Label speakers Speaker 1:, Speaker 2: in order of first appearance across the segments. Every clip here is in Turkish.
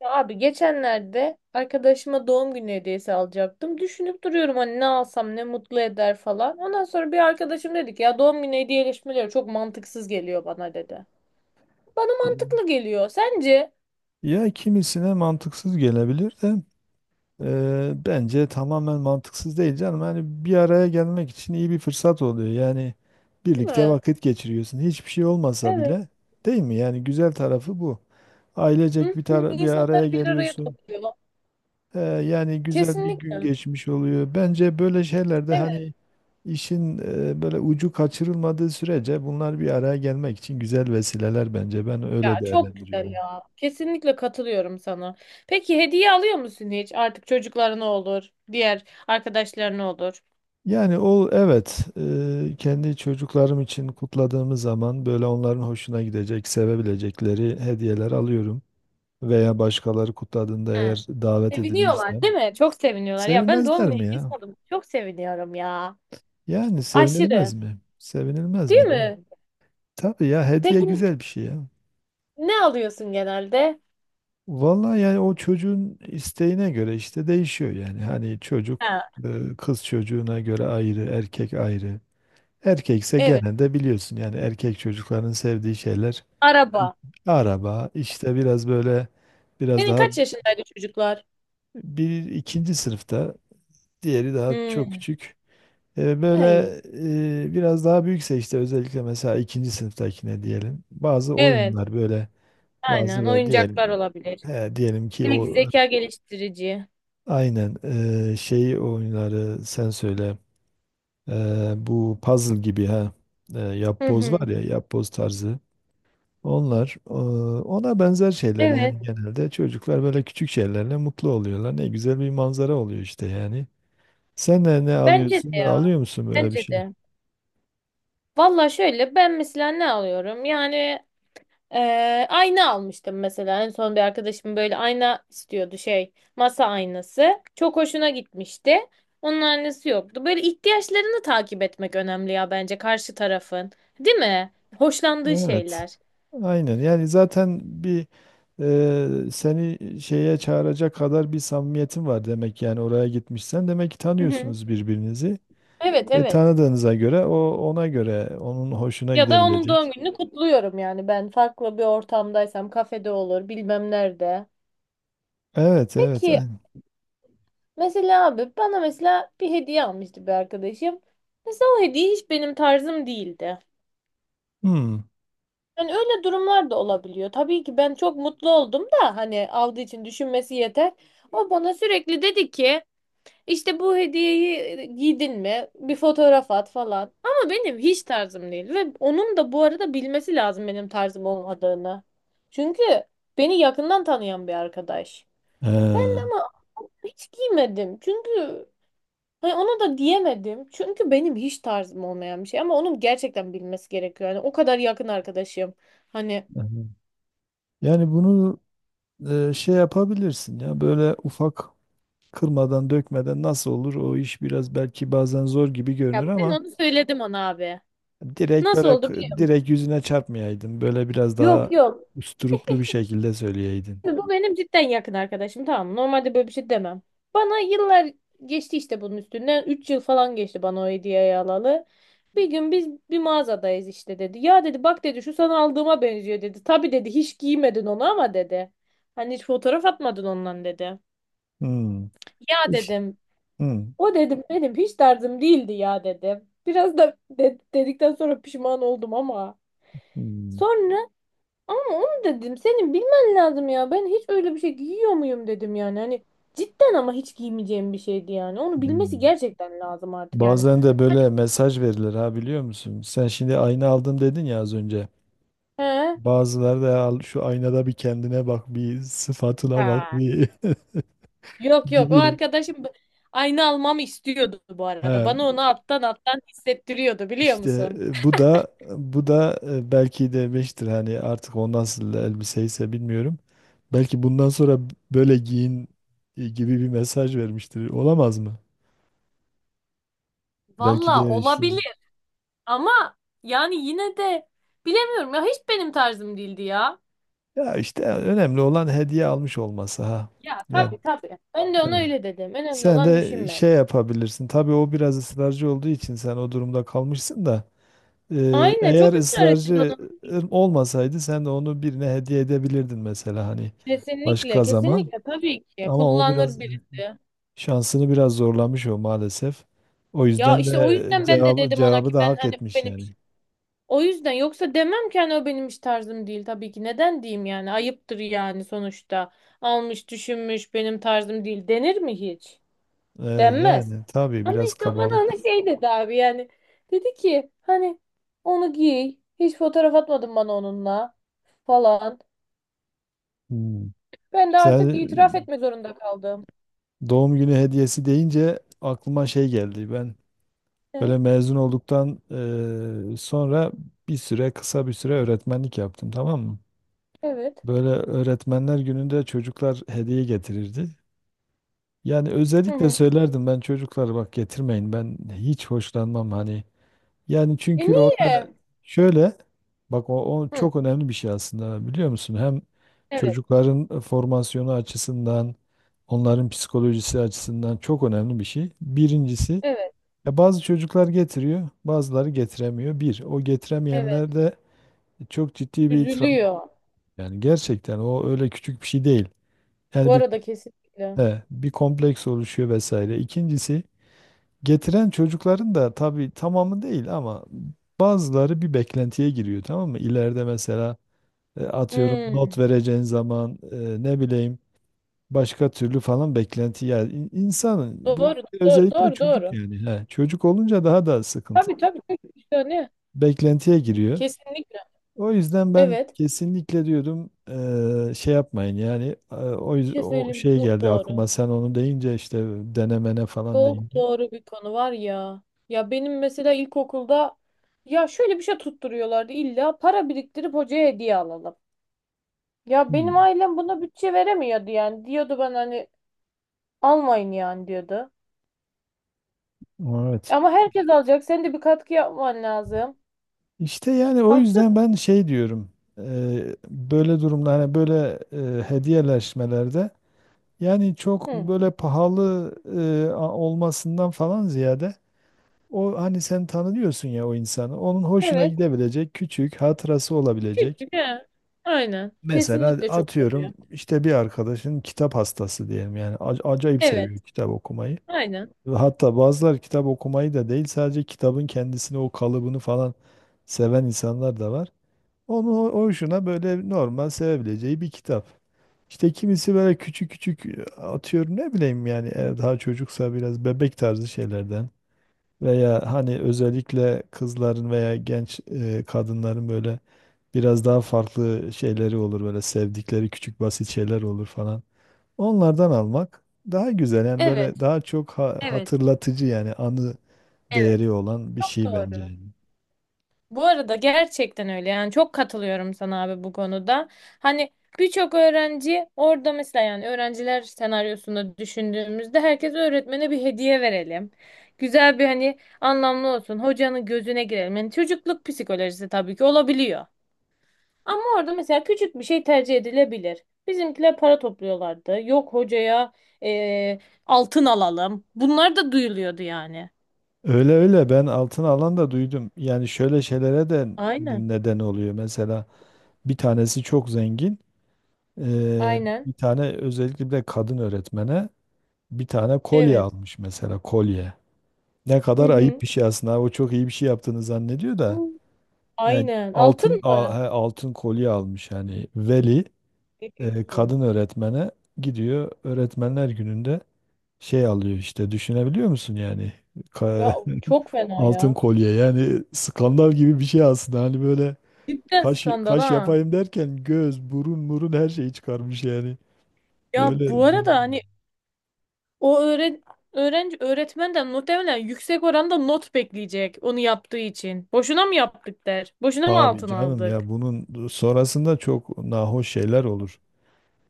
Speaker 1: Ya abi geçenlerde arkadaşıma doğum günü hediyesi alacaktım. Düşünüp duruyorum hani ne alsam ne mutlu eder falan. Ondan sonra bir arkadaşım dedi ki ya doğum günü hediyeleşmeleri çok mantıksız geliyor bana dedi. Bana mantıklı geliyor. Sence?
Speaker 2: Ya kimisine mantıksız gelebilir de bence tamamen mantıksız değil canım. Hani bir araya gelmek için iyi bir fırsat oluyor. Yani
Speaker 1: Değil
Speaker 2: birlikte
Speaker 1: mi?
Speaker 2: vakit geçiriyorsun. Hiçbir şey olmasa
Speaker 1: Evet.
Speaker 2: bile değil mi? Yani güzel tarafı bu. Ailecek
Speaker 1: Hı hı.
Speaker 2: bir araya
Speaker 1: İnsanlar bir araya
Speaker 2: geliyorsun.
Speaker 1: topluyor.
Speaker 2: Yani güzel bir gün
Speaker 1: Kesinlikle.
Speaker 2: geçmiş oluyor. Bence böyle şeylerde
Speaker 1: Evet
Speaker 2: hani işin böyle ucu kaçırılmadığı sürece bunlar bir araya gelmek için güzel vesileler bence. Ben öyle
Speaker 1: ya çok güzel
Speaker 2: değerlendiriyorum.
Speaker 1: ya. Kesinlikle katılıyorum sana. Peki hediye alıyor musun hiç? Artık çocuklarına olur, diğer arkadaşlarına olur.
Speaker 2: Yani o, evet, kendi çocuklarım için kutladığımız zaman böyle onların hoşuna gidecek, sevebilecekleri hediyeler alıyorum. Veya başkaları kutladığında
Speaker 1: Hı.
Speaker 2: eğer davet
Speaker 1: Seviniyorlar değil
Speaker 2: edilmişsem
Speaker 1: mi? Çok seviniyorlar. Ya ben doğum
Speaker 2: sevinmezler
Speaker 1: günü
Speaker 2: mi
Speaker 1: hediyesi
Speaker 2: ya?
Speaker 1: aldım. Çok seviniyorum ya.
Speaker 2: Yani sevinilmez
Speaker 1: Aşırı.
Speaker 2: mi? Sevinilmez
Speaker 1: Değil
Speaker 2: mi?
Speaker 1: mi?
Speaker 2: Tabii ya, hediye
Speaker 1: Peki
Speaker 2: güzel bir şey ya.
Speaker 1: ne alıyorsun genelde?
Speaker 2: Vallahi yani o çocuğun isteğine göre işte değişiyor yani. Hani çocuk,
Speaker 1: Ha,
Speaker 2: kız çocuğuna göre ayrı, erkek ayrı. Erkekse
Speaker 1: evet.
Speaker 2: genelde biliyorsun yani erkek çocukların sevdiği şeyler,
Speaker 1: Araba.
Speaker 2: araba işte, biraz böyle, biraz
Speaker 1: Senin
Speaker 2: daha.
Speaker 1: kaç yaşındaydı çocuklar?
Speaker 2: Bir ikinci sınıfta, diğeri daha çok
Speaker 1: Hmm.
Speaker 2: küçük. Böyle,
Speaker 1: Ay.
Speaker 2: biraz daha büyükse işte özellikle mesela ikinci sınıftakine diyelim. Bazı
Speaker 1: Evet.
Speaker 2: oyunlar böyle, bazı
Speaker 1: Aynen.
Speaker 2: ve
Speaker 1: Oyuncaklar
Speaker 2: diyelim,
Speaker 1: olabilir.
Speaker 2: he, diyelim ki
Speaker 1: Belki
Speaker 2: o,
Speaker 1: zeka geliştirici.
Speaker 2: aynen, şey oyunları sen söyle. E, Bu puzzle gibi, ha,
Speaker 1: Hı
Speaker 2: yapboz
Speaker 1: hı.
Speaker 2: var ya, yapboz tarzı. Onlar, ona benzer şeyler
Speaker 1: Evet.
Speaker 2: yani genelde çocuklar böyle küçük şeylerle mutlu oluyorlar. Ne güzel bir manzara oluyor işte yani. Sen de ne
Speaker 1: Bence
Speaker 2: alıyorsun?
Speaker 1: de
Speaker 2: Ve
Speaker 1: ya.
Speaker 2: alıyor musun böyle bir
Speaker 1: Bence
Speaker 2: şey?
Speaker 1: de. Valla şöyle ben mesela ne alıyorum? Yani. Ayna almıştım mesela. En son bir arkadaşım böyle ayna istiyordu şey. Masa aynası. Çok hoşuna gitmişti. Onun aynası yoktu. Böyle ihtiyaçlarını takip etmek önemli ya bence karşı tarafın. Değil mi? Hoşlandığı
Speaker 2: Evet.
Speaker 1: şeyler.
Speaker 2: Aynen. Yani zaten bir, seni şeye çağıracak kadar bir samimiyetin var demek, yani oraya gitmişsen demek ki
Speaker 1: Hı hı.
Speaker 2: tanıyorsunuz birbirinizi.
Speaker 1: Evet evet.
Speaker 2: Tanıdığınıza göre o, ona göre onun hoşuna
Speaker 1: Ya da onun doğum
Speaker 2: gidebilecek.
Speaker 1: gününü kutluyorum yani ben farklı bir ortamdaysam kafede olur bilmem nerede.
Speaker 2: Evet, evet,
Speaker 1: Peki
Speaker 2: aynen.
Speaker 1: mesela abi bana mesela bir hediye almıştı bir arkadaşım. Mesela o hediye hiç benim tarzım değildi.
Speaker 2: Hmm.
Speaker 1: Yani öyle durumlar da olabiliyor. Tabii ki ben çok mutlu oldum da hani aldığı için düşünmesi yeter. O bana sürekli dedi ki işte bu hediyeyi giydin mi? Bir fotoğraf at falan. Ama benim hiç tarzım değil ve onun da bu arada bilmesi lazım benim tarzım olmadığını. Çünkü beni yakından tanıyan bir arkadaş. Ben de
Speaker 2: Ee,
Speaker 1: ama hiç giymedim. Çünkü hani ona da diyemedim. Çünkü benim hiç tarzım olmayan bir şey ama onun gerçekten bilmesi gerekiyor. Yani o kadar yakın arkadaşım. Hani.
Speaker 2: aha. Yani bunu şey yapabilirsin ya, böyle ufak, kırmadan dökmeden nasıl olur o iş, biraz belki bazen zor gibi
Speaker 1: Ya
Speaker 2: görünür
Speaker 1: ben
Speaker 2: ama
Speaker 1: onu söyledim ona abi.
Speaker 2: direkt
Speaker 1: Nasıl
Speaker 2: böyle,
Speaker 1: oldu biliyor
Speaker 2: direkt
Speaker 1: musun?
Speaker 2: yüzüne çarpmayaydın, böyle biraz
Speaker 1: Yok
Speaker 2: daha
Speaker 1: yok.
Speaker 2: usturuplu bir şekilde söyleyeydin.
Speaker 1: Şimdi bu benim cidden yakın arkadaşım, tamam mı? Normalde böyle bir şey demem. Bana yıllar geçti işte bunun üstünden. 3 yıl falan geçti bana o hediyeyi alalı. Bir gün biz bir mağazadayız işte dedi. Ya dedi, bak dedi, şu sana aldığıma benziyor dedi. Tabii dedi hiç giymedin onu ama dedi. Hani hiç fotoğraf atmadın ondan dedi.
Speaker 2: Hmm.
Speaker 1: Ya
Speaker 2: İş.
Speaker 1: dedim.
Speaker 2: Hmm.
Speaker 1: O dedim benim hiç tarzım değildi ya dedim. Biraz da dedikten sonra pişman oldum ama.
Speaker 2: Hmm.
Speaker 1: Sonra. Ama onu dedim senin bilmen lazım ya. Ben hiç öyle bir şey giyiyor muyum dedim yani. Hani cidden ama hiç giymeyeceğim bir şeydi yani. Onu bilmesi
Speaker 2: Hmm.
Speaker 1: gerçekten lazım artık yani.
Speaker 2: Bazen de böyle mesaj verilir ha, biliyor musun? Sen şimdi ayna aldım dedin ya az önce.
Speaker 1: He?
Speaker 2: Bazıları da al şu aynada bir kendine bak, bir sıfatına bak
Speaker 1: Aa,
Speaker 2: bir
Speaker 1: yok yok o
Speaker 2: gibi.
Speaker 1: arkadaşım aynı almamı istiyordu bu arada.
Speaker 2: Ha,
Speaker 1: Bana onu alttan alttan hissettiriyordu biliyor
Speaker 2: işte,
Speaker 1: musun?
Speaker 2: bu da belki de beştir hani, artık o nasıl elbiseyse bilmiyorum. Belki bundan sonra böyle giyin, gibi bir mesaj vermiştir. Olamaz mı? Belki
Speaker 1: Valla
Speaker 2: de işte.
Speaker 1: olabilir ama yani yine de bilemiyorum ya hiç benim tarzım değildi ya.
Speaker 2: Ya işte önemli olan hediye almış olması, ha.
Speaker 1: Ya
Speaker 2: Yani
Speaker 1: tabii tabii. Ben de ona öyle dedim. Önemli
Speaker 2: sen
Speaker 1: olan
Speaker 2: de
Speaker 1: düşünmek.
Speaker 2: şey yapabilirsin. Tabii o biraz ısrarcı olduğu için sen o durumda kalmışsın da.
Speaker 1: Aynen,
Speaker 2: Eğer
Speaker 1: çok ısrar etti
Speaker 2: ısrarcı
Speaker 1: bana.
Speaker 2: olmasaydı sen de onu birine hediye edebilirdin mesela, hani,
Speaker 1: Kesinlikle,
Speaker 2: başka zaman.
Speaker 1: kesinlikle tabii ki
Speaker 2: Ama o
Speaker 1: kullanır
Speaker 2: biraz
Speaker 1: birisi.
Speaker 2: şansını biraz zorlamış o, maalesef. O
Speaker 1: Ya
Speaker 2: yüzden
Speaker 1: işte o
Speaker 2: de
Speaker 1: yüzden ben de
Speaker 2: cevabı,
Speaker 1: dedim ona ki
Speaker 2: cevabı da
Speaker 1: ben
Speaker 2: hak
Speaker 1: hani bu
Speaker 2: etmiş
Speaker 1: benim
Speaker 2: yani.
Speaker 1: iş. O yüzden yoksa demem ki hani o benim iş tarzım değil tabii ki. Neden diyeyim yani? Ayıptır yani sonuçta. Almış, düşünmüş, benim tarzım değil denir mi hiç?
Speaker 2: E,
Speaker 1: Denmez.
Speaker 2: Yani tabii
Speaker 1: Ama
Speaker 2: biraz
Speaker 1: işte o bana
Speaker 2: kabalık
Speaker 1: ona
Speaker 2: o.
Speaker 1: şey dedi abi yani. Dedi ki hani onu giy. Hiç fotoğraf atmadın bana onunla falan.
Speaker 2: Hmm.
Speaker 1: Ben de artık itiraf
Speaker 2: Sen
Speaker 1: etme zorunda kaldım.
Speaker 2: doğum günü hediyesi deyince aklıma şey geldi. Ben
Speaker 1: E,
Speaker 2: böyle mezun olduktan sonra bir süre kısa bir süre öğretmenlik yaptım, tamam mı?
Speaker 1: evet.
Speaker 2: Böyle öğretmenler gününde çocuklar hediye getirirdi. Yani
Speaker 1: Hı
Speaker 2: özellikle
Speaker 1: hı.
Speaker 2: söylerdim ben, çocuklar bak, getirmeyin, ben hiç hoşlanmam hani. Yani
Speaker 1: E
Speaker 2: çünkü
Speaker 1: niye?
Speaker 2: orada şöyle, bak, o
Speaker 1: Hı,
Speaker 2: çok önemli bir şey aslında, biliyor musun? Hem
Speaker 1: evet,
Speaker 2: çocukların formasyonu açısından, onların psikolojisi açısından çok önemli bir şey. Birincisi,
Speaker 1: evet,
Speaker 2: ya bazı çocuklar getiriyor, bazıları getiremiyor. Bir, o
Speaker 1: evet.
Speaker 2: getiremeyenlerde çok ciddi bir itiraf.
Speaker 1: Üzülüyor.
Speaker 2: Yani gerçekten o öyle küçük bir şey değil.
Speaker 1: Bu
Speaker 2: Yani bir
Speaker 1: arada kesinlikle.
Speaker 2: he, bir kompleks oluşuyor vesaire. İkincisi, getiren çocukların da tabii tamamı değil ama bazıları bir beklentiye giriyor, tamam mı? İleride mesela, atıyorum
Speaker 1: Hı,
Speaker 2: not vereceğin zaman, ne bileyim başka türlü falan beklenti yani, insanın bu
Speaker 1: doğru, doğru,
Speaker 2: özellikle
Speaker 1: doğru,
Speaker 2: çocuk,
Speaker 1: doğru.
Speaker 2: yani, çocuk olunca daha da sıkıntı,
Speaker 1: Tabii tabii. Tabii. İşte hani
Speaker 2: beklentiye giriyor.
Speaker 1: kesinlikle.
Speaker 2: O yüzden ben
Speaker 1: Evet.
Speaker 2: kesinlikle diyordum şey yapmayın yani, o,
Speaker 1: Bir
Speaker 2: yüz-
Speaker 1: şey
Speaker 2: o
Speaker 1: söyleyeyim mi?
Speaker 2: şey
Speaker 1: Çok
Speaker 2: geldi
Speaker 1: doğru.
Speaker 2: aklıma sen onu deyince, işte, denemene falan
Speaker 1: Çok
Speaker 2: deyince.
Speaker 1: doğru bir konu var ya. Ya benim mesela ilkokulda ya şöyle bir şey tutturuyorlardı. İlla para biriktirip hocaya hediye alalım. Ya benim
Speaker 2: Hmm,
Speaker 1: ailem buna bütçe veremiyordu yani. Diyordu ben hani almayın yani diyordu.
Speaker 2: evet.
Speaker 1: Ama herkes alacak. Sen de bir katkı yapman lazım.
Speaker 2: İşte yani o
Speaker 1: Haksız.
Speaker 2: yüzden ben şey diyorum, böyle durumda hani, böyle, hediyeleşmelerde yani çok
Speaker 1: Hı.
Speaker 2: böyle pahalı olmasından falan ziyade, o hani sen tanıyorsun ya o insanı, onun hoşuna
Speaker 1: Evet.
Speaker 2: gidebilecek küçük hatırası olabilecek.
Speaker 1: Küçük he. Aynen.
Speaker 2: Mesela
Speaker 1: Kesinlikle çok doğru ya.
Speaker 2: atıyorum işte bir arkadaşın kitap hastası diyelim yani, acayip
Speaker 1: Evet.
Speaker 2: seviyor kitap okumayı.
Speaker 1: Aynen.
Speaker 2: Ve hatta bazıları kitap okumayı da değil, sadece kitabın kendisini, o kalıbını falan seven insanlar da var. Onu, o hoşuna böyle normal sevebileceği bir kitap. İşte kimisi böyle küçük küçük, atıyorum ne bileyim yani, eğer daha çocuksa biraz bebek tarzı şeylerden. Veya hani özellikle kızların veya genç, kadınların böyle biraz daha farklı şeyleri olur, böyle sevdikleri küçük basit şeyler olur falan. Onlardan almak daha güzel yani, böyle
Speaker 1: Evet.
Speaker 2: daha çok ha-
Speaker 1: Evet.
Speaker 2: hatırlatıcı yani anı
Speaker 1: Evet.
Speaker 2: değeri olan bir
Speaker 1: Çok
Speaker 2: şey bence.
Speaker 1: doğru.
Speaker 2: Yani.
Speaker 1: Bu arada gerçekten öyle. Yani çok katılıyorum sana abi bu konuda. Hani birçok öğrenci orada mesela yani öğrenciler senaryosunda düşündüğümüzde herkes öğretmene bir hediye verelim. Güzel bir hani anlamlı olsun. Hocanın gözüne girelim. Yani çocukluk psikolojisi tabii ki olabiliyor. Ama orada mesela küçük bir şey tercih edilebilir. Bizimkiler para topluyorlardı. Yok hocaya eee, altın alalım. Bunlar da duyuluyordu yani.
Speaker 2: Öyle öyle, ben altın alan da duydum. Yani şöyle şeylere de
Speaker 1: Aynen.
Speaker 2: neden oluyor. Mesela bir tanesi çok zengin.
Speaker 1: Aynen.
Speaker 2: Bir tane özellikle, bir de kadın öğretmene bir tane kolye
Speaker 1: Evet.
Speaker 2: almış, mesela kolye. Ne
Speaker 1: Hı
Speaker 2: kadar ayıp
Speaker 1: hı.
Speaker 2: bir şey aslında. O çok iyi bir şey yaptığını zannediyor
Speaker 1: Hı.
Speaker 2: da. Yani
Speaker 1: Aynen.
Speaker 2: altın
Speaker 1: Altın
Speaker 2: al-
Speaker 1: mı?
Speaker 2: he, altın kolye almış yani, veli,
Speaker 1: Ne diyorsun?
Speaker 2: kadın öğretmene gidiyor öğretmenler gününde, şey alıyor işte, düşünebiliyor musun yani, Ka-
Speaker 1: Ya çok fena
Speaker 2: altın
Speaker 1: ya.
Speaker 2: kolye, yani skandal gibi bir şey aslında hani, böyle
Speaker 1: Cidden
Speaker 2: kaş
Speaker 1: skandal
Speaker 2: kaş
Speaker 1: ha.
Speaker 2: yapayım derken göz burun murun her şeyi çıkarmış yani,
Speaker 1: Ya bu
Speaker 2: öyle
Speaker 1: arada
Speaker 2: durum.
Speaker 1: hani o öğrenci öğretmenden muhtemelen yüksek oranda not bekleyecek onu yaptığı için. Boşuna mı yaptık der? Boşuna mı
Speaker 2: Tabii
Speaker 1: altın
Speaker 2: canım ya,
Speaker 1: aldık?
Speaker 2: bunun sonrasında çok nahoş şeyler olur.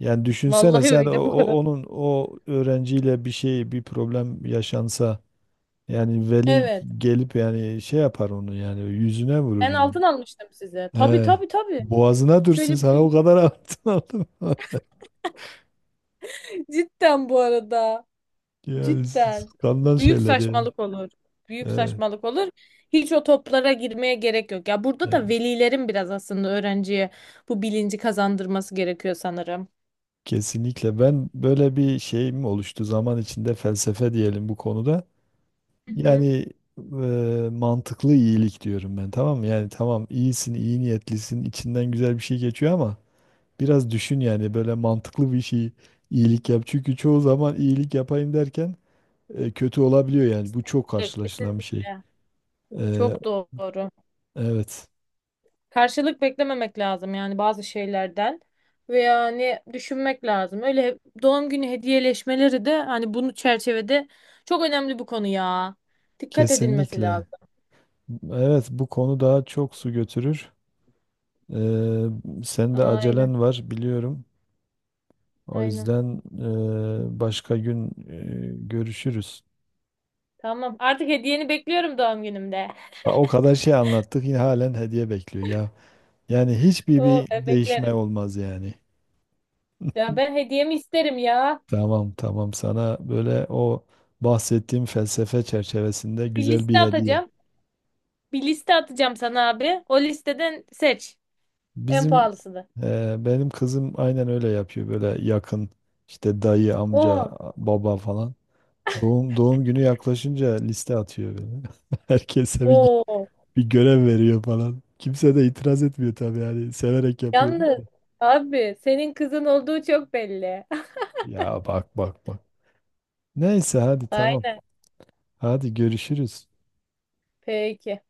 Speaker 2: Yani düşünsene
Speaker 1: Vallahi
Speaker 2: sen o,
Speaker 1: öyle bu
Speaker 2: o-
Speaker 1: arada.
Speaker 2: onun o öğrenciyle bir şey, bir problem yaşansa, yani veli
Speaker 1: Evet.
Speaker 2: gelip yani şey yapar onu, yani yüzüne vurur
Speaker 1: Ben
Speaker 2: yani.
Speaker 1: altın almıştım size. Tabii
Speaker 2: He.
Speaker 1: tabii tabii.
Speaker 2: Boğazına
Speaker 1: Hiç
Speaker 2: dursun,
Speaker 1: öyle
Speaker 2: sana o kadar altın aldım.
Speaker 1: Cidden bu arada.
Speaker 2: Yani
Speaker 1: Cidden.
Speaker 2: skandal
Speaker 1: Büyük
Speaker 2: şeyler yani.
Speaker 1: saçmalık olur. Büyük
Speaker 2: Evet,
Speaker 1: saçmalık olur. Hiç o toplara girmeye gerek yok. Ya burada
Speaker 2: evet.
Speaker 1: da velilerin biraz aslında öğrenciye bu bilinci kazandırması gerekiyor sanırım.
Speaker 2: Kesinlikle, ben böyle bir şeyim oluştu zaman içinde, felsefe diyelim bu konuda.
Speaker 1: Hı hı.
Speaker 2: Yani, mantıklı iyilik diyorum ben, tamam mı? Yani tamam, iyisin, iyi niyetlisin, içinden güzel bir şey geçiyor ama biraz düşün yani, böyle mantıklı bir şey, iyilik yap. Çünkü çoğu zaman iyilik yapayım derken kötü olabiliyor yani. Bu çok
Speaker 1: Kesinlikle,
Speaker 2: karşılaşılan bir şey.
Speaker 1: kesinlikle.
Speaker 2: E,
Speaker 1: Çok doğru.
Speaker 2: evet,
Speaker 1: Karşılık beklememek lazım yani bazı şeylerden ve yani düşünmek lazım. Öyle doğum günü hediyeleşmeleri de hani bunu çerçevede çok önemli bu konu ya. Dikkat edilmesi
Speaker 2: kesinlikle.
Speaker 1: lazım.
Speaker 2: Evet, bu konu daha çok su götürür. E, Sen de
Speaker 1: Aynen,
Speaker 2: acelen var biliyorum. O
Speaker 1: aynen.
Speaker 2: yüzden başka gün görüşürüz.
Speaker 1: Tamam. Artık hediyeni bekliyorum doğum günümde.
Speaker 2: Ha, o kadar şey anlattık, yine halen hediye bekliyor ya. Yani hiçbir
Speaker 1: Oo,
Speaker 2: bir
Speaker 1: ben
Speaker 2: değişme
Speaker 1: beklerim.
Speaker 2: olmaz yani.
Speaker 1: Ya ben hediyemi isterim ya.
Speaker 2: Tamam, tamam, sana böyle o bahsettiğim felsefe çerçevesinde
Speaker 1: Bir
Speaker 2: güzel bir
Speaker 1: liste
Speaker 2: hediye.
Speaker 1: atacağım. Bir liste atacağım sana abi. O listeden seç. En
Speaker 2: Bizim,
Speaker 1: pahalısını.
Speaker 2: benim kızım aynen öyle yapıyor böyle, yakın işte, dayı, amca,
Speaker 1: Oo,
Speaker 2: baba falan. Doğum günü yaklaşınca liste atıyor böyle. Herkese bir,
Speaker 1: oo.
Speaker 2: bir görev veriyor falan. Kimse de itiraz etmiyor tabii yani, severek yapıyor.
Speaker 1: Yalnız abi senin kızın olduğu çok belli.
Speaker 2: Ya bak bak bak. Neyse hadi, tamam.
Speaker 1: Aynen.
Speaker 2: Hadi görüşürüz.
Speaker 1: Peki.